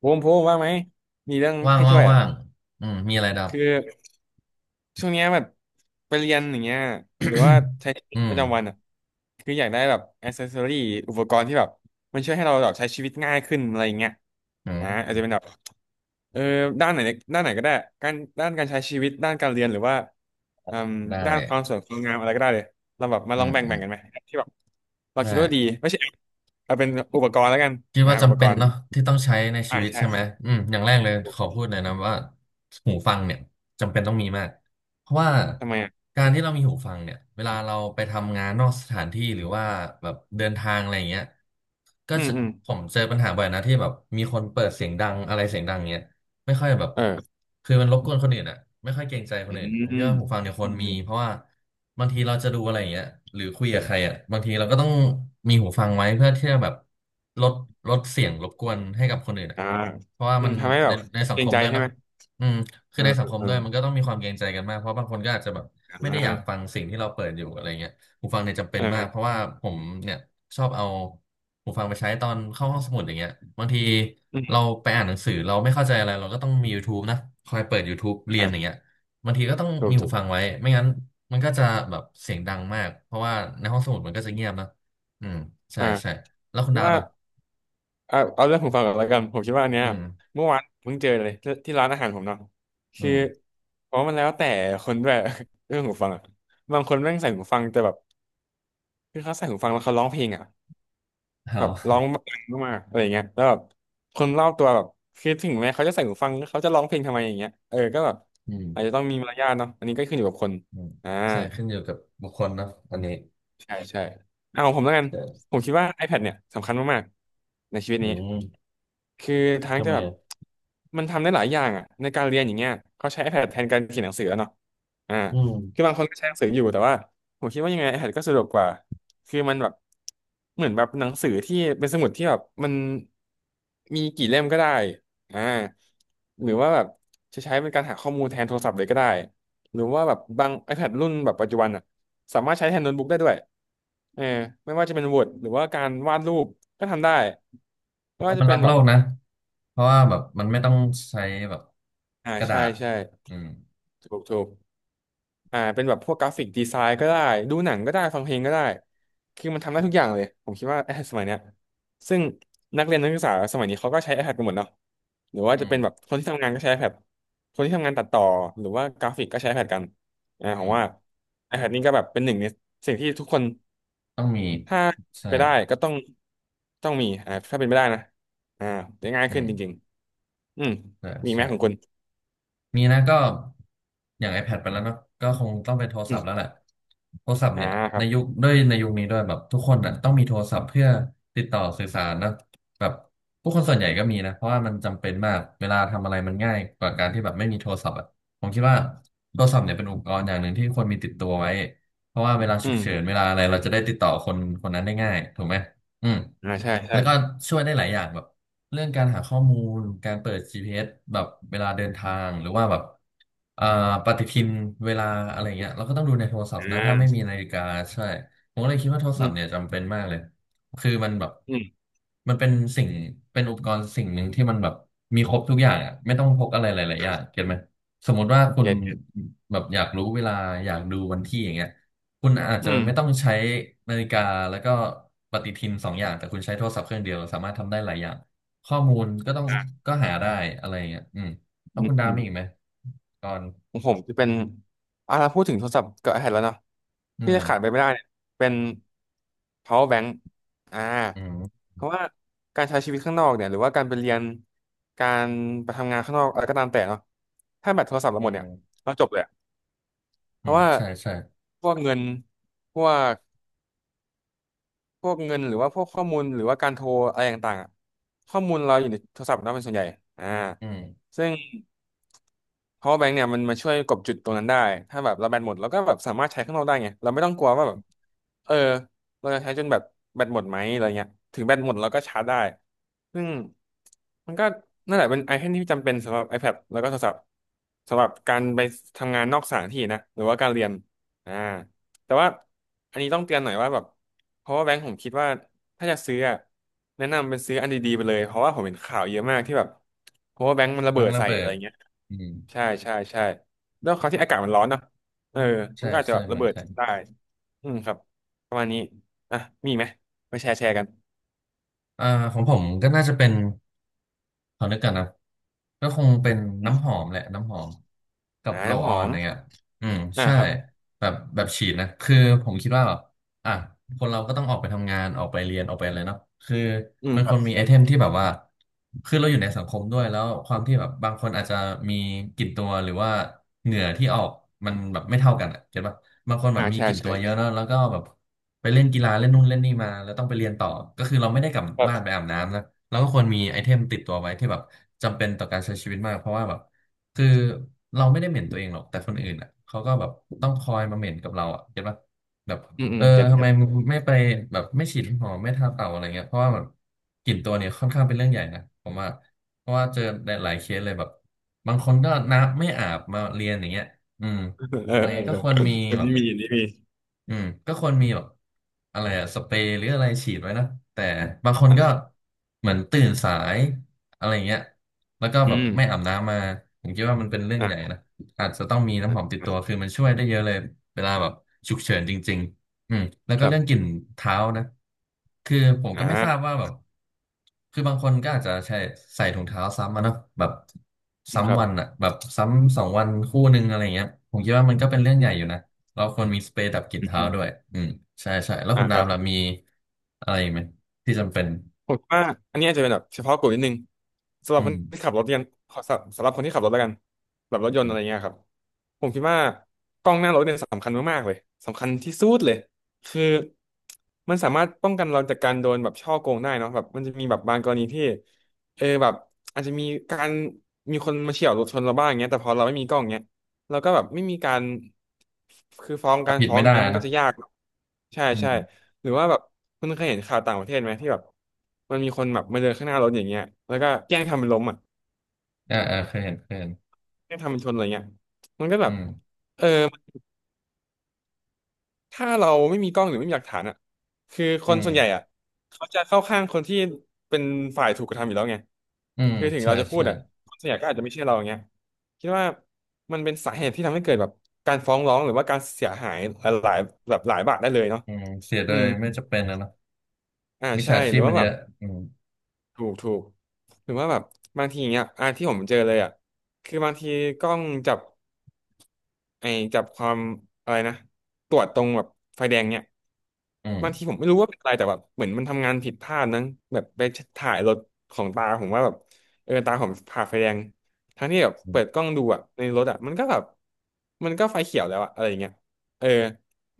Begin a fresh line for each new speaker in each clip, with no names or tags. ภูมิว่างไหมมีเรื่อง
ว่าง
ให้
ว่า
ช่
ง
วยอ่ะ
ว่างอืมมีอะไรดับ
คือช่วงเนี้ยแบบไปเรียนอย่างเงี้ยหรือว่าใช้ชีวิ ต
อื
ป
ม
ระจำวันอ่ะคืออยากได้แบบอ c เซสซอรี่อุปกรณ์ที่แบบมันช่วยให้เราแบบใช้ชีวิตง่ายขึ้นอะไรอย่างเงี้ย
อื
นะ
ม
อาจจะเป็นแบบเออด้านไหนด้านไหนก็ได้การด้านการใช้ชีวิตด้านการเรียนหรือว่าอืม
ได้
ด้านความสวยความงามอะไรก็ได้เลยเราแบบมา
อื
ลอง
ม
แบ่ง
อื
แบ่ง
ม
กันไหมที่แบบเรา
ได้
คิดว่าดีไม่ใช่เอาเป็นอุปกรณ์แล้วกัน
คิด
อ่า
ว่า
อุป
จำ
ก
เป็น
รณ์
เนาะที่ต้องใช้ในชี
อ่า
วิตใช่ไหม
ใช่
อืมอย่างแรกเลยขอพูดเลยนะว่าหูฟังเนี่ยจำเป็นต้องมีมากเพราะว่า
ทำไมอ่ะ
การที่เรามีหูฟังเนี่ยเวลาเราไปทำงานนอกสถานที่หรือว่าแบบเดินทางอะไรอย่างเงี้ยก็
อืม
จะ
อืม
ผมเจอปัญหาบ่อยนะที่แบบมีคนเปิดเสียงดังอะไรเสียงดังเงี้ย ไม่ค่อยแบบ
เออ
คือมันรบกวนคนอื่นอ่ะไม่ค่อยเกรงใจค
อื
น
ม
อื่นผมคิ
ต้
ดว่าหูฟังเนี่ยค
อื
วรมีเพ
ม
ราะว่าบางทีเราจะดูอะไรอย่างเงี้ยหรือคุยกับใครอ่ะบางทีเราก็ต้องมีหูฟังไว้เพื่อที่จะแบบลดลดเสียงรบกวนให้กับคนอื่นอ่ะ
อ่า
เพราะว่า
อื
มั
ม
น
ทำให้แบ
ใน
บ
ในสั
เก
ง
ร
ค
ง
ม
ใจ
ด้วย
ใช่
เนาะ
ไหม
อืมคื
เอ
อใน
อ
สังคม
เออ
ด้วยมันก็ต้องมีความเกรงใจกันมาก เพราะบางคนก็อาจจะแบบไม่
อ่า
ได้อยากฟังสิ่งที่เราเปิดอยู่อะไรเงี้ย หูฟังเนี่ยจำเป็
เอ
น
อ
มากเพราะว่าผมเนี่ยชอบเอาหูฟังไปใช้ตอนเข้าห้องสมุดอย่างเงี้ยบางที
อื
เรา
ม
ไปอ่านหนังสือเราไม่เข้าใจอะไรเราก็ต้องมี YouTube นะคอยเปิด YouTube เรียนอย่าง
อ่า
เงี้ยบางทีก็ต้อง
ถู
มี
ก
หู
ถูก
ฟังไว้ไม่งั้นมันก็จะแบบเสียงดังมากเพราะว่าในห้องสมุดมันก็จะเงียบนะอืมใช่
อ่า
ใช่แล้วคุณดาบ
ว่า
อ่ะ
เอาเรื่องของฟังก่อนแล้วกันผมคิดว่าอันเนี้
อื
ย
ม
เมื่อวานเพิ่งเจอเลยที่ร้านอาหารผมเนาะ
อื
คือ
ม
เพราะมันแล้วแต่คนด้วย เรื่องหูฟังอ่ะบางคนแม่งใส่หูฟังแต่แบบคือเขาใส่หูฟังแล้วเขาร้องเพลงอ่ะ
เอ
แบบร้อง
า
ดังมากๆอะไรอย่างเงี้ยแล้วแบบคนรอบตัวแบบคือถึงแม้เขาจะใส่หูฟังเขาจะร้องเพลงทำไมอย่างเงี้ยเออก็แบบ
อืม
อาจจะต้องมีมารยาทเนาะอันนี้ก็ขึ้นอยู่กับคน
อืม
อ่า
ใช่ขึ้นอยู่กับบุคคลนะอันนี้
ใช่ใช่เอาของผมแล้วกัน
ใช่
ผมคิดว่า iPad เนี่ยสำคัญมากๆในชีวิต
อื
นี้
ม
คือทั้ง
ทำ
จะ
ไม
แบบ
อะ
มันทำได้หลายอย่างอ่ะในการเรียนอย่างเงี้ยเขาใช้ iPad แทนการเขียนหนังสือแล้วเนาะอ่า
อืม
คือบางคนก็ใช้หนังสืออยู่แต่ว่าผมคิดว่ายังไง iPad ก็สะดวกกว่าคือมันแบบเหมือนแบบหนังสือที่เป็นสมุดที่แบบมันมีกี่เล่มก็ได้อ่าหรือว่าแบบจะใช้เป็นการหาข้อมูลแทนโทรศัพท์เลยก็ได้หรือว่าแบบบาง iPad รุ่นแบบปัจจุบันอ่ะ สามารถใช้แทนโน้ตบุ๊กได้ด้วยเออไม่ว่าจะเป็น Word หรือว่าการวาดรูปก็ทำได้
ผ
ไม่
มว่า
ว่าจะ
มัน
เป็
รั
น
ก
แบ
โล
บ
กนะ เพราะว่าแบบมันไม่ต้องใช้แบบ
อ่า
กระดา
ใช่
ษ
ใช่
อืม
ถูกถูกอ่าเป็นแบบพวกกราฟิกดีไซน์ก็ได้ดูหนังก็ได้ฟังเพลงก็ได้คือมันทำได้ทุกอย่างเลยผมคิดว่า iPad สมัยเนี้ยซึ่งนักเรียนนักศึกษาสมัยนี้เขาก็ใช้ iPad กันหมดเนาะหรือว่าจะ
อืม
เป็นแบบคนที่ทำงานก็ใช้ iPad คนที่ทำงานตัดต่อหรือว่ากราฟิกก็ใช้ iPad กันอ่าผ
อื
ม
ม
ว่า iPad นี่ก็แบบเป็นหนึ่งในสิ่งที่ทุกคน
ต้องมี
ถ้า
ใช่
ไปได้ก็ต้องต้องมีอ่าถ้าเป็นไม่ได้นะอ่าจะง่าย
อื
ขึ้นจริง
ม
ๆอืม
ใช่
มีไหม
ใช่
ของคุณ
มีนะก็อย่าง iPad ไปแล้วเนอะก็คงต้องเป็นโทร
อื
ศัพ
ม
ท์แล้วแหละโทรศัพท์
อ่า
เนี่ย
ค
ใน
รับ
ยุคด้วยในยุคนี้ด้วยแบบทุกคนอ่ะต้องมีโทรศัพท์เพื่อติดต่อสื่อสารนะแบบผู้คนส่วนใหญ่ก็มีนะเพราะว่ามันจำเป็นมากเวลาทำอะไรมันง่ายกว่าการที่แบบไม่มีโทรศัพท์อ่ะผมคิดว่าโทรศัพท์เนี่ยเป็นอุปกรณ์อย่างหนึ่งที่ควรมีติดตัวไว้เพราะว่าเวลา
อื
ฉุก
ม
เฉินเวลาอะไรเราจะได้ติดต่อคนคนนั้นได้ง่ายถูกไหมอืม
อ่าใช่ใช่
แล้วก็ช่วยได้หลายอย่างแบบ เรื่องการหาข้อมูลการเปิด GPS แบบเวลาเดินทางหรือว่าแบบอ่าปฏิทินเวลาอะไรเงี้ยเราก็ต้องดูในโทรศัพ
อ่
ท์นะถ้าไม่มี
า
นาฬิกาใช่ผมก็เลยคิดว่าโทร
อื
ศัพ
ม
ท์เนี่ยจำเป็นมากเลยคือมันแบบ
อืม
มันเป็นสิ่งเป็นอุปกรณ์สิ่งหนึ่งที่มันแบบมีครบทุกอย่างอ่ะไม่ต้องพกอะไรหลายๆอย่าง
อ่า
เก็ตไหมสมมติว่าคุณ
เก็ตเก็ต
แบบอยากรู้เวลาอยากดูวันที่อย่างเงี้ยคุณอาจ
อื
จะ
ม
ไม่ต้องใช้นาฬิกาแล้วก็ปฏิทินสองอย่างแต่คุณใช้โทรศัพท์เครื่องเดียวสามารถทำได้หลายอย่าง ข้อมูลก็ต้อง
อ่า
ก็หาได้อะไรอย่างเงี้ยอืมแล้
อื
ว
ม
คุณดาว
อืม
มีอีกไหมตอน
ของผมจะเป็นอ่าเราพูดถึงโทรศัพท์กับ iPad แล้วเนาะ
อื
ที่
ม
จะขาดไปไม่ได้เนี่ยเป็น power bank อ่า
อืม
เพราะว่าการใช้ชีวิตข้างนอกเนี่ยหรือว่าการไปเรียน การไปทำงานข้างนอกอะไรก็ตามแต่เนาะถ้าแบตโทรศัพท์เรา
อื
หมดเนี่ย
ม
เราจบเลย เพ
อื
ราะ
ม
ว่า
ใช่ใช่
พวกเงินพวกพวกเงิน หรือว่าพวกข้อมูล หรือว่าการโทรอะไรต่างๆอะข้อมูลเราอยู่ในโทรศัพท์เราเป็นส่วนใหญ่อ่า
อืม
ซึ่ง power bank เนี่ยมันมาช่วยกบจุดตรงนั้นได้ถ้าแบบเราแบตหมดเราก็แบบสามารถใช้ข้างนอกได้ไงเราไม่ต้องกลัวว่าแบบเออเราจะใช้จนแบบแบตหมดไหมอะไรเงี้ยถึงแบตหมดเราก็ชาร์จได้ซึ่งมันก็นั่นแหละเป็นไอเทมที่จำเป็นสำหรับ iPad แล้วก็โทรศัพท์สำหรับการไปทำงานนอกสถานที่นะหรือว่าการเรียนอ่า แต่ว่าอันนี้ต้องเตือนหน่อยว่าแบบเพราะว่าแบงค์ผมคิดว่าถ้าจะซื้ออะแนะนำเป็นซื้ออันดีๆไปเลยเพราะว่าผมเห็นข่าวเยอะมากที่แบบเพราะว่าแบงค์มันระ
บั
เบิ
ง
ด
ระ
ใส่
เบิ
อะไร
ด
เงี้ย
อืม
ใช่ใช่ใช่แล้วเขาวที่อากาศมันร้อนเนอะเออมัน
ใช่
ก็อาจจะ
ใช่
แบบระ
เมือ
เบิ
ง
ด
ไทย
ได้อืมครับประมาณนี้อ่ะมีอีกไหมไปแชร์แชร์กัน
อ่าของผมก็น่าจะเป็นขอนึกกันนะก็คงเป็นน้ำหอมแหละน้ำหอมกับ
อ่าน้
โรล
ำห
ออ
อ
น
ม
อย่างเงี้ยอืม
อ่า
ใช่
ครับ
แบบแบบฉีดนะคือผมคิดว่าแบบ อ่ะคนเราก็ต้องออกไปทำงานออกไปเรียนออกไปอะไรเนาะคือ
อืม
มัน
ค
ค
รับ
นมีไอเทมที่แบบว่าคือเราอยู่ในสังคมด้วยแล้วความที่แบบบางคนอาจจะมีกลิ่นตัวหรือว่าเหงื่อที่ออกมันแบบไม่เท่ากันอ่ะเก็ตป่ะบางคนแบบ
อ่า
มี
แช
กลิ่
ร์
น
แช
ตัว
ร์
เยอะเนาะแล้วก็แบบไปเล่นกีฬาเล่นนู่นเล่นนี่มาแล้วต้องไปเรียนต่อก็คือเราไม่ได้กลับ
ค
บ้านไป
รับ
อาบน้ำนะเราก็ควรมีไอเทมติดตัวไว้ที่แบบจำเป็นต่อการใช้ชีวิตมากเพราะว่าแบบคือเราไม่ได้เหม็นตัวเองหรอกแต่คนอื่นอ่ะเขาก็แบบต้องคอยมาเหม็นกับเราอ่ะเก็ตป่ะแบบ
อืมอื
เอ
ม
อ
เก็ต
ทำ
เก็
ไม
ต
มึงไม่ไปแบบไม่ฉีดน้ำหอมไม่ทาเต่าอะไรเงี้ยเพราะว่าแบบกลิ่นตัวเนี่ยค่อนข้างเป็นเรื่องใหญ่นะผมว่าเพราะว่าเจอหลายๆเคสเลยแบบบางคนก็น้ำไม่อาบมาเรียนอย่างเงี้ยอืม
เอ
อะ
อ
ไร
เอ
เงี้
อ
ย
เอ
ก็
อ
ควรมี
อัน
แบ
นี้
บ
มีอันนี้มี
อืมก็ควรมีแบบอะไรอะสเปรย์หรืออะไรฉีดไว้นะแต่บางคนก็เหมือนตื่นสายอะไรเงี้ยแล้วก็แบบ
อื
ไม่อา
ม
บน้ำมาผมคิดว่ามันเป็นเรื่องใหญ่
อ่ะ
นะอาจจะต้องมี
อ่
น้ำหอมติด
ะ
ตัวคือมันช่วยได้เยอะเลยเวลาแบบฉุกเฉินจริงๆอืมแล้ว
ค
ก็
รั
เรื่องกลิ่
บ
นเท้านะ คือผม
อ
ก็ไม่ทราบ
่า
ว่าแบบคือบางคนก็อาจจะใช้ใส่ถุงเท้าซ้ำมาเนาะแบบ
อืมครั
ซ้ำ
บ
วันอะแบบซ้ำสองวันคู่หนึ่งอะไรเงี้ยผมคิดว่ามันก็เป็นเรื่องใหญ่อยู่นะเราควรมีสเปรย์ดับกลิ่นเท้าด้วยอืมใช่ใช่แล้ว
อ่า
คุณ
ครับ
น้ำล่ะมีอะไรอีกไหมที่จำเป็น
ผมคิดว่าอันนี้อาจจะเป็นแบบเฉพาะกลุ่มนิดนึงสำหรั
อื
บคน
ม
ที่ขับรถยันขอสำหรับคนที่ขับรถแล้วกันแบบรถยนต์อะไรเงี้ยครับผมคิดว่ากล้องหน้ารถเนี่ยสำคัญมากๆเลยสำคัญที่สุดเลยคือมันสามารถป้องกันเราจากการโดนแบบฉ้อโกงได้เนาะแบบมันจะมีแบบบางกรณีที่แบบอาจจะมีการมีคนมาเฉี่ยวรถชนเราบ้างเงี้ยแต่พอเราไม่มีกล้องเงี้ยเราก็แบบไม่มีการคือฟ้อง
ก็ผิดไม่
อย่าง
ได้
เงี้ย
อะ
มัน
เน
ก็
อะ
จะยากใช่
อื
ใช่
ม
หรือว่าแบบคุณเคยเห็นข่าวต่างประเทศไหมที่แบบมันมีคนแบบมาเดินข้างหน้ารถอย่างเงี้ยแล้วก็แกล้งทำเป็นล้มอ่ะ
อ่าอ่าเคยเห็นเคยเห็น
แกล้งทำเป็นชนอะไรเงี้ยมันก็แบ
อื
บ
ม
เออถ้าเราไม่มีกล้องหรือไม่มีหลักฐานอ่ะคือค
อื
น
ม
ส่วนใหญ่อ่ะเขาจะเข้าข้างคนที่เป็นฝ่ายถูกกระทำอยู่แล้วไง
อืม
คือถึง
ใช่
เราจะพูด
ใช่
อ่ะคนส่วนใหญ่ก็อาจจะไม่เชื่อเราอย่างเงี้ยคิดว่ามันเป็นสาเหตุที่ทำให้เกิดแบบการฟ้องร้องหรือว่าการเสียหายหลายๆแบบหลายบาทได้เลยเนาะ
อืมเสียโด
อื
ย
ม
ไม่จำเป็นนะเนาะ
อ่า
มิจ
ใช่
ฉา
ห
ชี
รื
พ
อ
มั
ว่า
นเย
แบบ
อะอืม
ถูกถูกหรือว่าแบบบางทีเนี้ยอ่ะที่ผมเจอเลยอ่ะคือบางทีกล้องจับไอ้จับความอะไรนะตรวจตรงแบบไฟแดงเนี่ย
อื
บางที
ม
ผมไม่รู้ว่าเป็นอะไรแต่แบบเหมือนมันทำงานผิดพลาดนั้งแบบไปถ่ายรถของตาผมว่าแบบตาผมผ่าไฟแดงทั้งที่แบบเปิดกล้องดูอ่ะในรถอ่ะมันก็แบบมันก็ไฟเขียวแล้วอ่ะอะไรอย่างเงี้ยเออ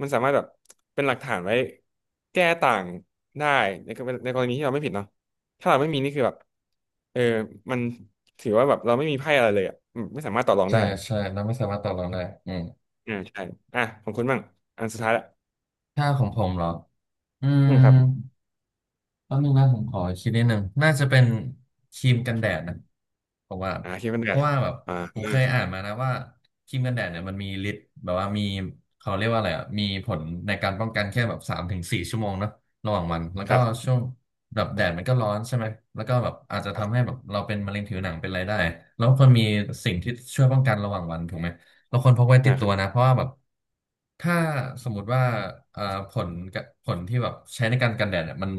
มันสามารถแบบเป็นหลักฐานไว้แก้ต่างได้ในกรณีที่เราไม่ผิดเนาะ ถ้าเราไม่มีนี่คือแบบเออมันถือว่าแบบเราไม่มีไพ่อะไรเลยอ่ะอืมไม่สามารถต่อรอง
ใช่
ได้
ใช่เราไม่สามารถต่อรองได้อืม
อ่าใช่อ่ะของคุณบ้างอันสุดท้ายละ
ถ้าของผมเหรออื
อื
ม
มครับ
แป๊บนึงนะผมขอคิดนิดนึงน่าจะเป็นครีมกันแดดนะผมว่า
คิดเป็น
เพ
แบบ
ราะว่าแบบ
อ่า
ผ
อื
มเค
ม
ยอ่านมานะว่าครีมกันแดดเนี่ยมันมีฤทธิ์แบบว่ามีเขาเรียกว่าอะไรอ่ะมีผลในการป้องกันแค่แบบ3 ถึง 4 ชั่วโมงเนอะระหว่างวันแล้ว
ค
ก็
รับ
ช่วงแบบแดดมันก็ร้อนใช่ไหมแล้วก็แบบอาจจะ
ครั
ทำให้
บ
แบบเราเป็นมะเร็งผิวหนังเป็นอะไรได้แล้วควรมีสิ่งที่ช่วยป้องกันระหว่างวันถูกไหมเราควรพกไว้ติ
อ่า
ด
ค
ตั
รั
ว
บ
นะเพราะว่าแบบ ถ้าสมมุติว่าเอ่อผลกะผลที่แบบใช้ในการกันแดดเนี่ยมัน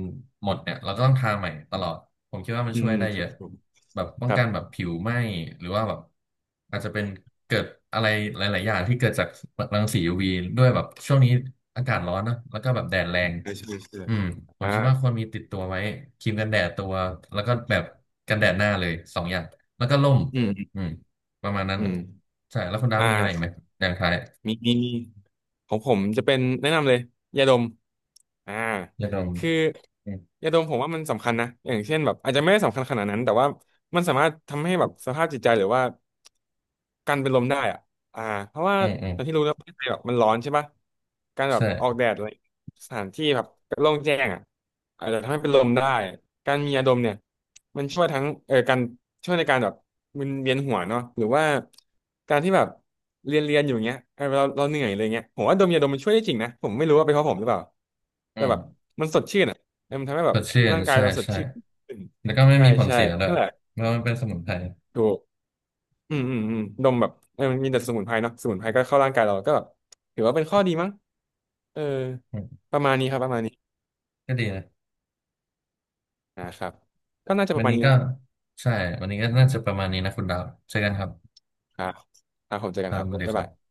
หมดเนี่ยเราจะต้องทาใหม่ตลอดผมคิดว่ามัน
อื
ช่ว
ม
ยได้
ค
เย
รับ
อะ
ผม
แบบป้อ
ค
ง
รับ
กันแบบผิวไหม้หรือว่าแบบอาจจะเป็นเกิดอะไรหลายๆอย่างที่เกิดจากรังสี UV ด้วยแบบช่วงนี้อากาศร้อนนะแล้วก็แบบแดดแรง
ใช่ใช่ใช่
อืมผม
อ่า
คิดว่าควรมีติดตัวไว้ครีมกันแดดตัวแล้วก็แบบกันแดดหน้าเลย2 อย่างแล้วก็ร่ม
อืมอืม
อืมประมาณนั้น
อื
อะ
ม
ใช่แล้วคุณดา
อ่
มีอะไรอีกไหม
า
อย่างท้าย
มีของผมจะเป็นแนะนำเลยยาดมอ่า
ยาดม
คือ
อืม
ยาดมผมว่ามันสำคัญนะอย่างเช่นแบบอาจจะไม่ได้สำคัญขนาดนั้นแต่ว่ามันสามารถทำให้แบบสภาพจิตใจหรือว่าการเป็นลมได้อ่ะอ่าเพราะว่า
อืมอืม
อย่างที่รู้แล้วประเทศไทยแบบมันร้อนใช่ปะการแบบ
ใช่
ออกแดดอะไรสถานที่แบบโล่งแจ้งอ่ะอาจจะทำให้เป็นลมได้การมียาดมเนี่ย มันช่วยทั้งการช่วยในการแบบมึนเวียนหัวเนาะหรือว่าการที่แบบเรียนอยู่เงี้ยเออเราเหนื่อยเลยเงี้ยผมว่าดมยาดมมันช่วยได้จริงนะผมไม่รู้ว่าเป็นเพราะผมหรือเปล่าแต่
อื
แบบ
ม
มันสดชื่นอ่ะเออมันทำให้
ส
แบบ
ดชื่น
ร่างกาย
ใช่
เราสด
ใช่
ชื่นขึ้น
แล้วก็ไม่
ใช่
มีผล
ใช่
เสียด้วย
นั่นแหละ
เพราะมันเป็นสมุนไพร
ถูกอืมอืมอืมดมแบบเออมันมีแต่สมุนไพรเนาะสมุนไพรก็เข้าร่างกายเราก็แบบถือว่าเป็นข้อดีมั้งเออ
อืม
ประมาณนี้ครับประมาณนี้
ก็ดีนะ
นะครับก็น่าจะป
วั
ระ
น
มาณ
นี้
นี้
ก็
นะครับ
ใช่ วันนี้ก็น่าจะประมาณนี้นะคุณดาวเจอกันครับ
ครับครับผมเจอ
ค
กัน
รั
ค
บ
รับ
สวัสดี
บ๊าย
ครั
บา
บ
ย